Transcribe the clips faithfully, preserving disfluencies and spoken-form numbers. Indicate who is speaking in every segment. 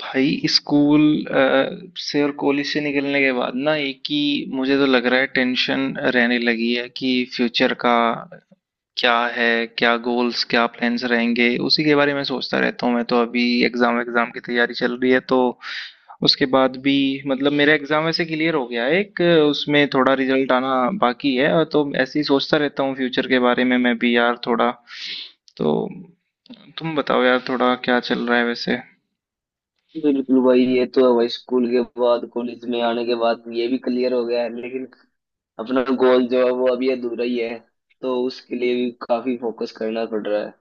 Speaker 1: भाई स्कूल अ, से और कॉलेज से निकलने के बाद ना एक ही मुझे तो लग रहा है टेंशन रहने लगी है कि फ्यूचर का क्या है, क्या गोल्स, क्या प्लान्स रहेंगे। उसी के बारे में सोचता रहता हूँ। मैं तो अभी एग्जाम एग्जाम की तैयारी चल रही है, तो उसके बाद भी मतलब मेरा एग्जाम वैसे क्लियर हो गया है एक, उसमें थोड़ा रिजल्ट आना बाकी है। और तो ऐसे ही सोचता रहता हूँ फ्यूचर के बारे में। मैं भी यार थोड़ा तो, तुम बताओ यार थोड़ा क्या चल रहा है वैसे।
Speaker 2: बिल्कुल भाई ये तो है भाई। स्कूल के बाद कॉलेज में आने के बाद ये भी क्लियर हो गया है लेकिन अपना गोल जो है वो अभी अधूरा ही है। तो उसके लिए भी काफी फोकस करना पड़ रहा है।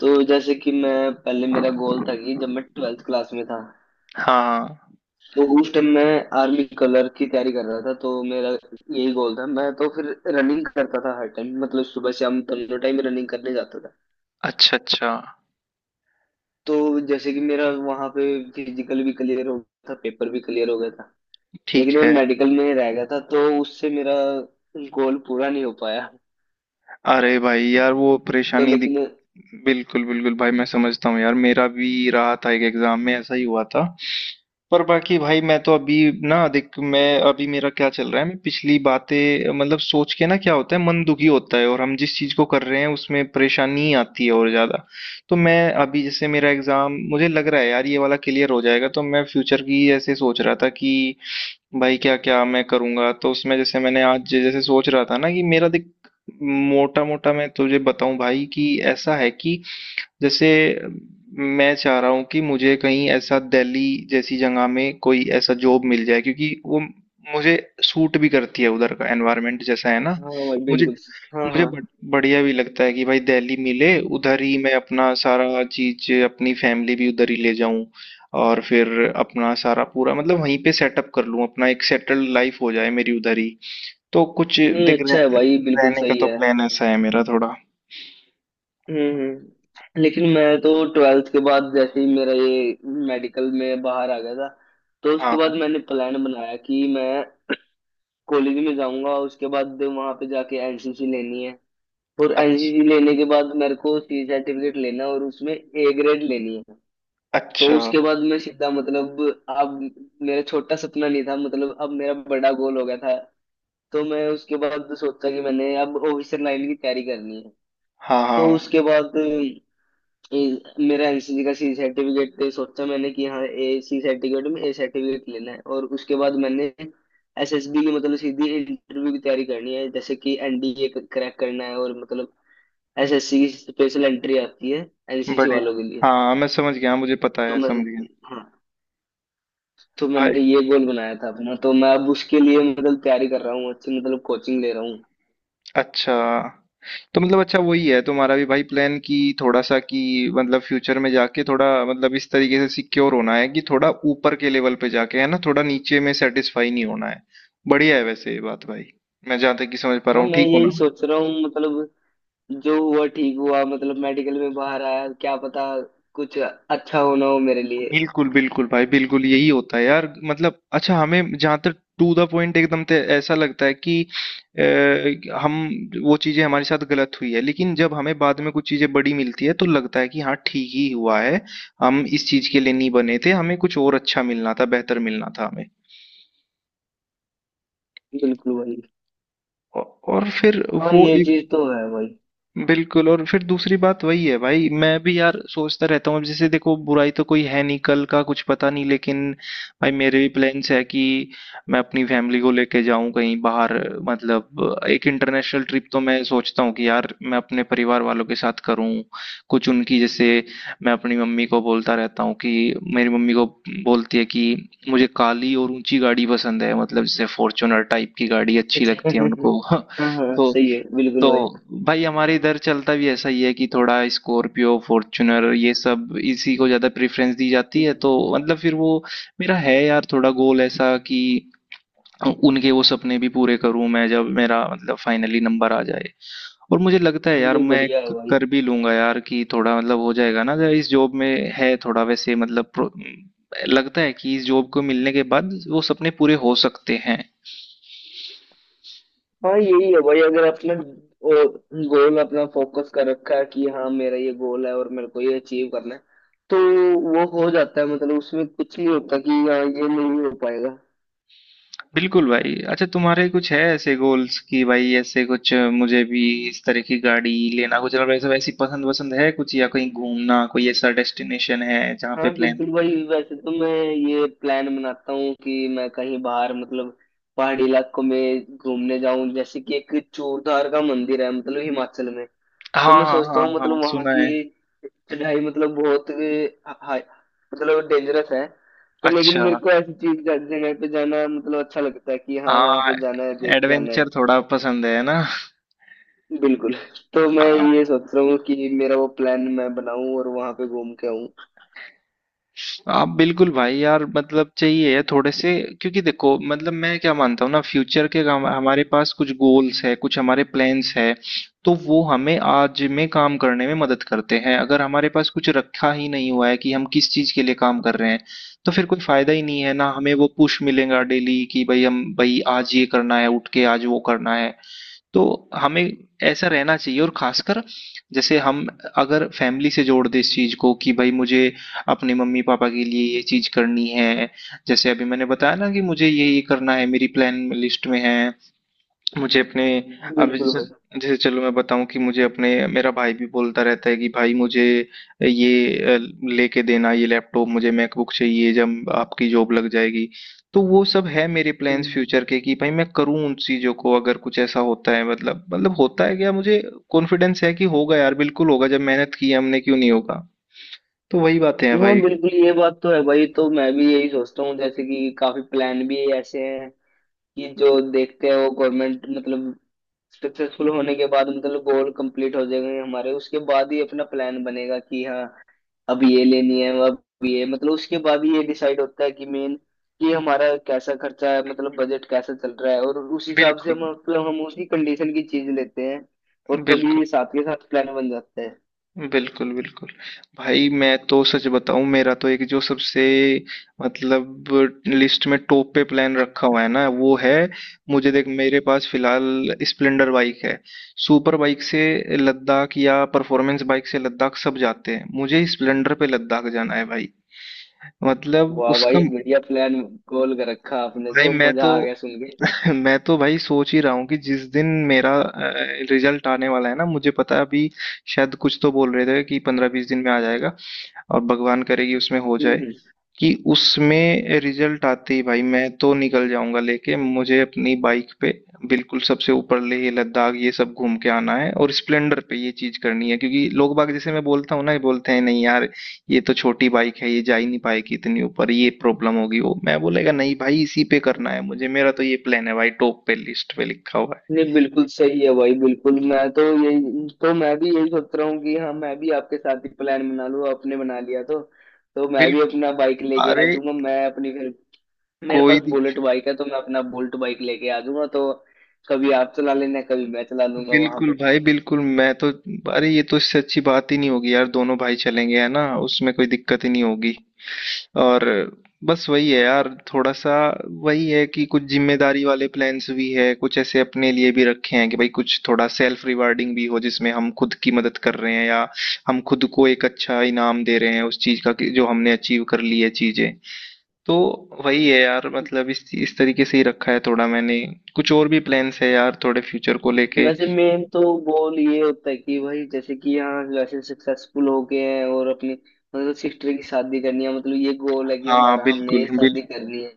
Speaker 2: तो जैसे कि मैं पहले मेरा गोल
Speaker 1: हाँ।
Speaker 2: था कि जब मैं ट्वेल्थ क्लास में था
Speaker 1: हाँ।
Speaker 2: तो उस टाइम मैं आर्मी कलर की तैयारी कर रहा था, तो मेरा यही गोल था। मैं तो फिर रनिंग करता था हर टाइम, मतलब सुबह शाम दोनों टाइम रनिंग करने जाता था।
Speaker 1: अच्छा, अच्छा।
Speaker 2: तो जैसे कि मेरा वहां पे फिजिकल भी क्लियर हो गया था, पेपर भी क्लियर हो गया था,
Speaker 1: ठीक
Speaker 2: लेकिन मैं
Speaker 1: है।
Speaker 2: मेडिकल में ही रह गया था तो उससे मेरा गोल पूरा नहीं हो पाया।
Speaker 1: अरे भाई यार वो
Speaker 2: तो
Speaker 1: परेशानी दिख।
Speaker 2: लेकिन
Speaker 1: बिल्कुल, बिल्कुल भाई, मैं समझता हूँ यार। मेरा भी रहा था, एक एग्ज़ाम में ऐसा ही हुआ था। पर बाकी भाई मैं तो अभी ना देख, मैं अभी मेरा क्या चल रहा है, मैं पिछली बातें मतलब सोच के ना क्या होता है, मन दुखी होता है और हम जिस चीज़ को कर रहे हैं उसमें परेशानी आती है और ज़्यादा। तो मैं अभी जैसे मेरा एग्ज़ाम मुझे लग रहा है यार ये वाला क्लियर हो जाएगा, तो मैं फ्यूचर की ऐसे सोच रहा था कि भाई क्या क्या मैं करूँगा। तो उसमें जैसे मैंने आज जे- जैसे सोच रहा था ना कि मेरा देख, मोटा मोटा मैं तुझे बताऊं भाई कि ऐसा है कि जैसे मैं चाह रहा हूँ कि मुझे कहीं ऐसा दिल्ली जैसी जगह में कोई ऐसा जॉब मिल जाए, क्योंकि वो मुझे सूट भी करती है, उधर का एनवायरनमेंट जैसा है ना।
Speaker 2: हाँ भाई
Speaker 1: मुझे
Speaker 2: बिल्कुल। हाँ
Speaker 1: मुझे बड़-
Speaker 2: हाँ।
Speaker 1: बढ़िया भी लगता है कि भाई दिल्ली मिले, उधर ही मैं अपना सारा चीज, अपनी फैमिली भी उधर ही ले जाऊं और फिर अपना सारा पूरा मतलब वहीं पे सेटअप कर लूं, अपना एक सेटल्ड लाइफ हो जाए मेरी उधर ही। तो कुछ
Speaker 2: नहीं,
Speaker 1: देख रह,
Speaker 2: अच्छा है भाई, बिल्कुल
Speaker 1: रहने का
Speaker 2: सही
Speaker 1: तो
Speaker 2: है।
Speaker 1: प्लान ऐसा है मेरा थोड़ा।
Speaker 2: हम्म हम्म। लेकिन मैं तो ट्वेल्थ के बाद जैसे ही मेरा ये मेडिकल में बाहर आ गया था, तो
Speaker 1: हाँ
Speaker 2: उसके बाद
Speaker 1: हाँ।
Speaker 2: मैंने प्लान बनाया कि मैं कॉलेज में जाऊंगा, उसके बाद वहां पे जाके एन सी सी लेनी है। और
Speaker 1: अच्छा
Speaker 2: एन सी सी लेने के बाद मेरे को सी सर्टिफिकेट लेना है और उसमें ए ग्रेड लेनी है। तो
Speaker 1: अच्छा।
Speaker 2: उसके बाद मैं सीधा, मतलब अब मेरा छोटा सपना नहीं था, मतलब अब मेरा बड़ा गोल हो गया था। तो मैं उसके बाद सोचा कि मैंने अब ऑफिसर लाइन की तैयारी करनी है।
Speaker 1: हाँ
Speaker 2: तो
Speaker 1: हाँ।
Speaker 2: उसके बाद अ, मेरा एन सी सी का सी सर्टिफिकेट पे सोचा मैंने कि हाँ ए सी सर्टिफिकेट में ए सर्टिफिकेट लेना है। और उसके बाद मैंने एस एस बी की मतलब सीधी इंटरव्यू की तैयारी करनी है, जैसे कि एन डी ए क्रैक करना है। और मतलब एस एस सी की स्पेशल एंट्री आती है एन सी सी
Speaker 1: बढ़िया।
Speaker 2: वालों के लिए।
Speaker 1: हाँ मैं समझ गया, मुझे पता
Speaker 2: तो
Speaker 1: है,
Speaker 2: मैं,
Speaker 1: समझ गया
Speaker 2: हाँ, तो
Speaker 1: भाई।
Speaker 2: मैंने ये गोल बनाया था अपना। तो मैं अब उसके लिए मतलब तैयारी कर रहा हूँ अच्छी, मतलब कोचिंग ले रहा हूँ।
Speaker 1: अच्छा, तो मतलब अच्छा वही है तुम्हारा भी भाई प्लान कि थोड़ा सा कि मतलब फ्यूचर में जाके थोड़ा मतलब इस तरीके से सिक्योर होना है कि थोड़ा ऊपर के लेवल पे जाके है ना, थोड़ा नीचे में सेटिस्फाई नहीं होना है। बढ़िया है वैसे ये बात भाई, मैं जहाँ तक कि समझ पा रहा
Speaker 2: हाँ,
Speaker 1: हूँ।
Speaker 2: मैं
Speaker 1: ठीक हूँ
Speaker 2: यही
Speaker 1: ना?
Speaker 2: सोच रहा हूँ, मतलब जो हुआ ठीक हुआ, मतलब मेडिकल में बाहर आया, क्या पता कुछ अच्छा होना हो मेरे लिए।
Speaker 1: बिल्कुल, बिल्कुल भाई, बिल्कुल यही होता है यार। मतलब अच्छा हमें जहाँ तक टू द पॉइंट एकदम ते ऐसा लगता है कि अ, हम वो चीजें हमारे साथ गलत हुई है, लेकिन जब हमें बाद में कुछ चीजें बड़ी मिलती है तो लगता है कि हाँ ठीक ही हुआ है, हम इस चीज के लिए नहीं बने थे, हमें कुछ और अच्छा मिलना था, बेहतर मिलना था हमें।
Speaker 2: बिल्कुल भाई।
Speaker 1: औ- और फिर
Speaker 2: हाँ
Speaker 1: वो,
Speaker 2: ये चीज तो है भाई।
Speaker 1: बिल्कुल। और फिर दूसरी बात वही है भाई, मैं भी यार सोचता रहता हूँ अब जैसे देखो बुराई तो कोई है नहीं, कल का कुछ पता नहीं, लेकिन भाई मेरे भी प्लान्स है कि मैं अपनी फैमिली को लेके जाऊं कहीं बाहर। मतलब एक इंटरनेशनल ट्रिप तो मैं सोचता हूँ कि यार मैं अपने परिवार वालों के साथ करूँ। कुछ उनकी जैसे, मैं अपनी मम्मी को बोलता रहता हूँ कि मेरी मम्मी को बोलती है कि मुझे काली और ऊंची गाड़ी पसंद है, मतलब जैसे फॉर्च्यूनर टाइप की गाड़ी अच्छी
Speaker 2: अच्छा,
Speaker 1: लगती है
Speaker 2: अच्छा।
Speaker 1: उनको।
Speaker 2: हाँ हाँ
Speaker 1: तो
Speaker 2: सही है
Speaker 1: तो
Speaker 2: बिल्कुल भाई।
Speaker 1: भाई हमारे इधर चलता भी ऐसा ही है कि थोड़ा स्कॉर्पियो, फॉर्च्यूनर, ये सब इसी को ज़्यादा प्रेफरेंस दी जाती है। तो मतलब फिर वो मेरा है यार थोड़ा गोल ऐसा कि उनके वो सपने भी पूरे करूं मैं, जब मेरा मतलब फाइनली नंबर आ जाए। और मुझे लगता है
Speaker 2: हाँ,
Speaker 1: यार
Speaker 2: नहीं
Speaker 1: मैं
Speaker 2: बढ़िया है
Speaker 1: क-
Speaker 2: भाई।
Speaker 1: कर भी लूंगा यार, कि थोड़ा मतलब हो जाएगा ना जरा, इस जॉब में है थोड़ा वैसे मतलब प्रो- लगता है कि इस जॉब को मिलने के बाद वो सपने पूरे हो सकते हैं।
Speaker 2: हाँ यही है भाई, अगर अपने गोल अपना फोकस कर रखा है कि हाँ मेरा ये गोल है और मेरे को ये अचीव करना है, तो वो हो जाता है। मतलब उसमें कुछ नहीं होता कि हाँ ये नहीं हो पाएगा।
Speaker 1: बिल्कुल भाई। अच्छा तुम्हारे कुछ है ऐसे गोल्स कि भाई ऐसे कुछ मुझे भी, इस तरह की गाड़ी लेना कुछ और वैसे वैसी पसंद वसंद है कुछ, या कहीं घूमना कोई ऐसा डेस्टिनेशन है जहाँ पे
Speaker 2: हाँ
Speaker 1: प्लान?
Speaker 2: बिल्कुल भाई। वैसे तो मैं ये प्लान बनाता हूँ कि मैं कहीं बाहर मतलब पहाड़ी इलाकों में घूमने जाऊं, जैसे कि एक चूरधार का मंदिर है मतलब हिमाचल में।
Speaker 1: हाँ
Speaker 2: तो मैं
Speaker 1: हाँ
Speaker 2: सोचता
Speaker 1: हाँ
Speaker 2: हूँ
Speaker 1: हाँ
Speaker 2: मतलब वहां
Speaker 1: सुना है।
Speaker 2: की चढ़ाई मतलब बहुत हाई, मतलब डेंजरस है। तो लेकिन
Speaker 1: अच्छा।
Speaker 2: मेरे को ऐसी चीज जगह पे जाना मतलब अच्छा लगता है कि हाँ वहां
Speaker 1: हाँ।
Speaker 2: पे जाना है, देख के आना है।
Speaker 1: एडवेंचर थोड़ा पसंद है ना?
Speaker 2: बिल्कुल। तो मैं ये सोच रहा हूँ कि मेरा वो प्लान मैं बनाऊं और वहां पे घूम के आऊं।
Speaker 1: आप बिल्कुल भाई यार, मतलब चाहिए है थोड़े से। क्योंकि देखो मतलब मैं क्या मानता हूँ ना, फ्यूचर के हम- हमारे पास कुछ गोल्स है, कुछ हमारे प्लान्स है, तो वो हमें आज में काम करने में मदद करते हैं। अगर हमारे पास कुछ रखा ही नहीं हुआ है कि हम किस चीज के लिए काम कर रहे हैं, तो फिर कोई फायदा ही नहीं है ना। हमें वो पुश मिलेगा डेली कि भाई हम भाई आज ये करना है, उठ के आज वो करना है। तो हमें ऐसा रहना चाहिए और खासकर जैसे हम अगर फैमिली से जोड़ दें इस चीज़ को कि भाई मुझे अपने मम्मी-पापा के लिए ये चीज़ करनी है। जैसे अभी मैंने बताया ना कि मुझे ये-ये करना है, मेरी प्लान लिस्ट में है। मुझे अपने, अब
Speaker 2: बिल्कुल
Speaker 1: जैसे,
Speaker 2: भाई।
Speaker 1: जैसे चलो मैं बताऊँ कि मुझे अपने, मेरा भाई भी बोलता रहता है कि भाई मुझे ये अ, लेके देना, ये लैपटॉप मुझे मैकबुक चाहिए जब आपकी जॉब लग जाएगी। तो वो सब है मेरे प्लान्स
Speaker 2: हम्म।
Speaker 1: फ्यूचर के कि भाई मैं करूँ उन चीज़ों को। अगर कुछ ऐसा होता है मतलब मतलब होता है क्या, मुझे कॉन्फिडेंस है कि होगा यार, बिल्कुल होगा, जब मेहनत की है हमने क्यों नहीं होगा। तो वही बातें हैं
Speaker 2: हाँ
Speaker 1: भाई।
Speaker 2: बिल्कुल ये बात तो है भाई। तो मैं भी यही सोचता हूँ, जैसे कि काफी प्लान भी ऐसे हैं कि जो देखते हैं वो गवर्नमेंट, मतलब सक्सेसफुल होने के बाद मतलब गोल कंप्लीट हो जाएंगे हमारे, उसके बाद ही अपना प्लान बनेगा कि हाँ अब ये लेनी है, अब ये, मतलब उसके बाद ही ये डिसाइड होता है कि मेन कि हमारा कैसा खर्चा है, मतलब बजट कैसा चल रहा है, और उस हिसाब से
Speaker 1: बिल्कुल,
Speaker 2: हम, मतलब हम उसी कंडीशन की चीज लेते हैं और
Speaker 1: बिल्कुल।
Speaker 2: तभी साथ के साथ प्लान बन जाता है।
Speaker 1: बिल्कुल, बिल्कुल। भाई मैं तो सच बताऊँ, मेरा तो एक जो सबसे मतलब लिस्ट में टॉप पे प्लान रखा हुआ है ना, वो है मुझे देख मेरे पास फिलहाल स्प्लेंडर बाइक है। सुपर बाइक से लद्दाख या परफॉर्मेंस बाइक से लद्दाख सब जाते हैं। मुझे स्प्लेंडर पे लद्दाख जाना है भाई। मतलब
Speaker 2: वाह
Speaker 1: उसका,
Speaker 2: भाई, बढ़िया प्लान गोल कर रखा आपने,
Speaker 1: भाई
Speaker 2: तो
Speaker 1: मैं तो
Speaker 2: मजा आ गया सुन के।
Speaker 1: मैं तो भाई सोच ही रहा हूँ कि जिस दिन मेरा रिजल्ट आने वाला है ना, मुझे पता है अभी शायद कुछ तो बोल रहे थे कि पंद्रह बीस दिन में आ जाएगा। और भगवान करे कि उसमें हो
Speaker 2: हम्म
Speaker 1: जाए,
Speaker 2: हम्म।
Speaker 1: कि उसमें रिजल्ट आते ही भाई मैं तो निकल जाऊंगा लेके मुझे अपनी बाइक पे, बिल्कुल सबसे ऊपर लेह लद्दाख ये सब घूम के आना है। और स्प्लेंडर पे ये चीज करनी है, क्योंकि लोग बाग जैसे मैं बोलता हूँ ना, ये बोलते हैं, नहीं यार ये तो छोटी बाइक है, ये जा ही नहीं पाएगी इतनी ऊपर, ये प्रॉब्लम होगी वो। मैं बोलेगा नहीं भाई, इसी पे करना है मुझे, मेरा तो ये प्लान है भाई, टॉप पे लिस्ट पे लिखा हुआ है।
Speaker 2: नहीं बिल्कुल सही है भाई। बिल्कुल मैं तो यही, तो मैं भी यही सोच रहा हूँ कि हाँ मैं भी आपके साथ ही प्लान बना लूँ, आपने बना लिया तो। तो मैं भी अपना
Speaker 1: बिल्कुल।
Speaker 2: बाइक लेके आ
Speaker 1: अरे।
Speaker 2: जाऊंगा, मैं अपनी फिर, मेरे पास
Speaker 1: कोई,
Speaker 2: बुलेट बाइक है तो मैं अपना बुलेट बाइक लेके आ जाऊंगा। तो कभी आप चला लेना, कभी मैं चला लूंगा वहां
Speaker 1: बिल्कुल
Speaker 2: पे।
Speaker 1: भाई, बिल्कुल मैं तो, अरे ये तो इससे अच्छी बात ही नहीं होगी यार, दोनों भाई चलेंगे है ना, उसमें कोई दिक्कत ही नहीं होगी। और बस वही है यार थोड़ा सा, वही है कि कुछ जिम्मेदारी वाले प्लान्स भी है, कुछ ऐसे अपने लिए भी रखे हैं कि भाई कुछ थोड़ा सेल्फ रिवार्डिंग भी हो, जिसमें हम खुद की मदद कर रहे हैं या हम खुद को एक अच्छा इनाम दे रहे हैं उस चीज का कि जो हमने अचीव कर ली है चीजें। तो वही है यार मतलब इस इस तरीके से ही रखा है थोड़ा मैंने। कुछ और भी प्लान्स है यार थोड़े फ्यूचर को लेके।
Speaker 2: वैसे मेन तो गोल ये होता है कि भाई जैसे कि यहाँ वैसे सक्सेसफुल हो गए हैं और अपनी मतलब सिस्टर की शादी करनी है, मतलब ये गोल है कि
Speaker 1: हाँ
Speaker 2: हमारा, हमने ये
Speaker 1: बिल्कुल बिल,
Speaker 2: शादी करनी है।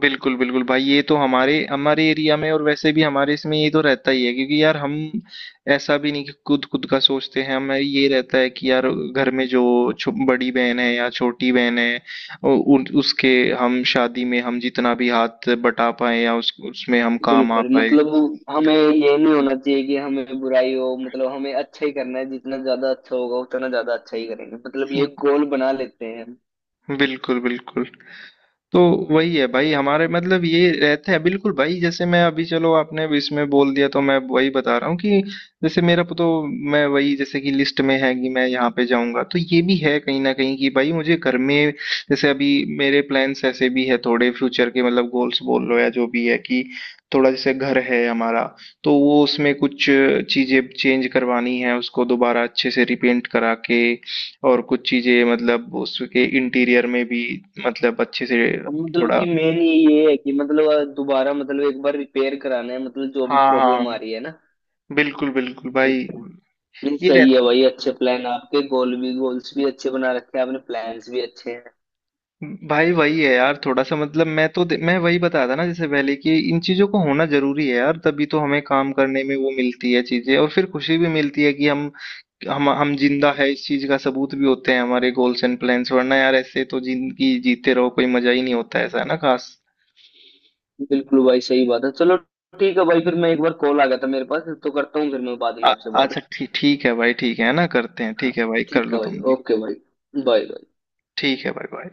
Speaker 1: बिल्कुल बिल्कुल भाई, ये तो हमारे हमारे एरिया में और वैसे भी हमारे इसमें ये तो रहता ही है। क्योंकि यार हम ऐसा भी नहीं कि खुद खुद का सोचते हैं, हमें ये रहता है कि यार घर में जो छो, बड़ी बहन है या छोटी बहन है उ, उन, उसके हम शादी में, हम जितना भी हाथ बटा पाए या उस, उसमें हम काम आ
Speaker 2: बिल्कुल,
Speaker 1: पाए।
Speaker 2: मतलब हमें ये नहीं होना चाहिए कि हमें बुराई हो, मतलब हमें अच्छा ही करना है, जितना ज्यादा अच्छा होगा उतना ज्यादा अच्छा ही करेंगे, मतलब ये गोल बना लेते हैं।
Speaker 1: बिल्कुल बिल्कुल। तो वही है भाई हमारे मतलब ये रहते हैं, बिल्कुल भाई। जैसे मैं अभी, चलो आपने अभी इसमें बोल दिया तो मैं वही बता रहा हूँ कि जैसे मेरा तो, मैं वही जैसे कि लिस्ट में है कि मैं यहाँ पे जाऊंगा, तो ये भी है कहीं ना कहीं कि भाई मुझे घर में, जैसे अभी मेरे प्लान्स ऐसे भी है थोड़े फ्यूचर के, मतलब गोल्स बोल लो या जो भी है, कि थोड़ा जैसे घर है हमारा, तो वो उसमें कुछ चीजें चेंज करवानी है, उसको दोबारा अच्छे से रिपेंट करा के, और कुछ चीज़ें मतलब उसके इंटीरियर में भी मतलब अच्छे से
Speaker 2: हम, मतलब
Speaker 1: थोड़ा।
Speaker 2: कि मेन ये है कि मतलब दोबारा, मतलब एक बार रिपेयर कराना है, मतलब जो भी
Speaker 1: हाँ हाँ।
Speaker 2: प्रॉब्लम आ रही है ना।
Speaker 1: बिल्कुल बिल्कुल
Speaker 2: ठीक
Speaker 1: भाई।
Speaker 2: है। नहीं
Speaker 1: ये रह,
Speaker 2: सही है भाई, अच्छे प्लान आपके, गोल भी, गोल्स भी अच्छे बना रखे हैं आपने, प्लान्स भी अच्छे हैं।
Speaker 1: भाई वही है यार थोड़ा सा। मतलब मैं तो मैं वही बता था ना जैसे पहले कि इन चीज़ों को होना जरूरी है यार, तभी तो हमें काम करने में वो मिलती है चीज़ें, और फिर खुशी भी मिलती है कि हम हम हम जिंदा है, इस चीज़ का सबूत भी होते हैं हमारे गोल्स एंड प्लान्स। वरना यार ऐसे तो जिंदगी जीते रहो कोई मजा ही नहीं होता, ऐसा है ना खास।
Speaker 2: बिल्कुल भाई सही बात है। चलो ठीक है भाई, फिर मैं, एक बार कॉल आ गया था मेरे पास तो करता हूँ, फिर मैं बाद में
Speaker 1: आ-
Speaker 2: आपसे बात।
Speaker 1: अच्छा ठीक, ठीक है भाई, ठीक है ना करते हैं,
Speaker 2: हाँ
Speaker 1: ठीक है भाई कर
Speaker 2: ठीक
Speaker 1: लो
Speaker 2: है भाई,
Speaker 1: तुम भी।
Speaker 2: ओके भाई, बाय।
Speaker 1: ठीक है भाई बाय।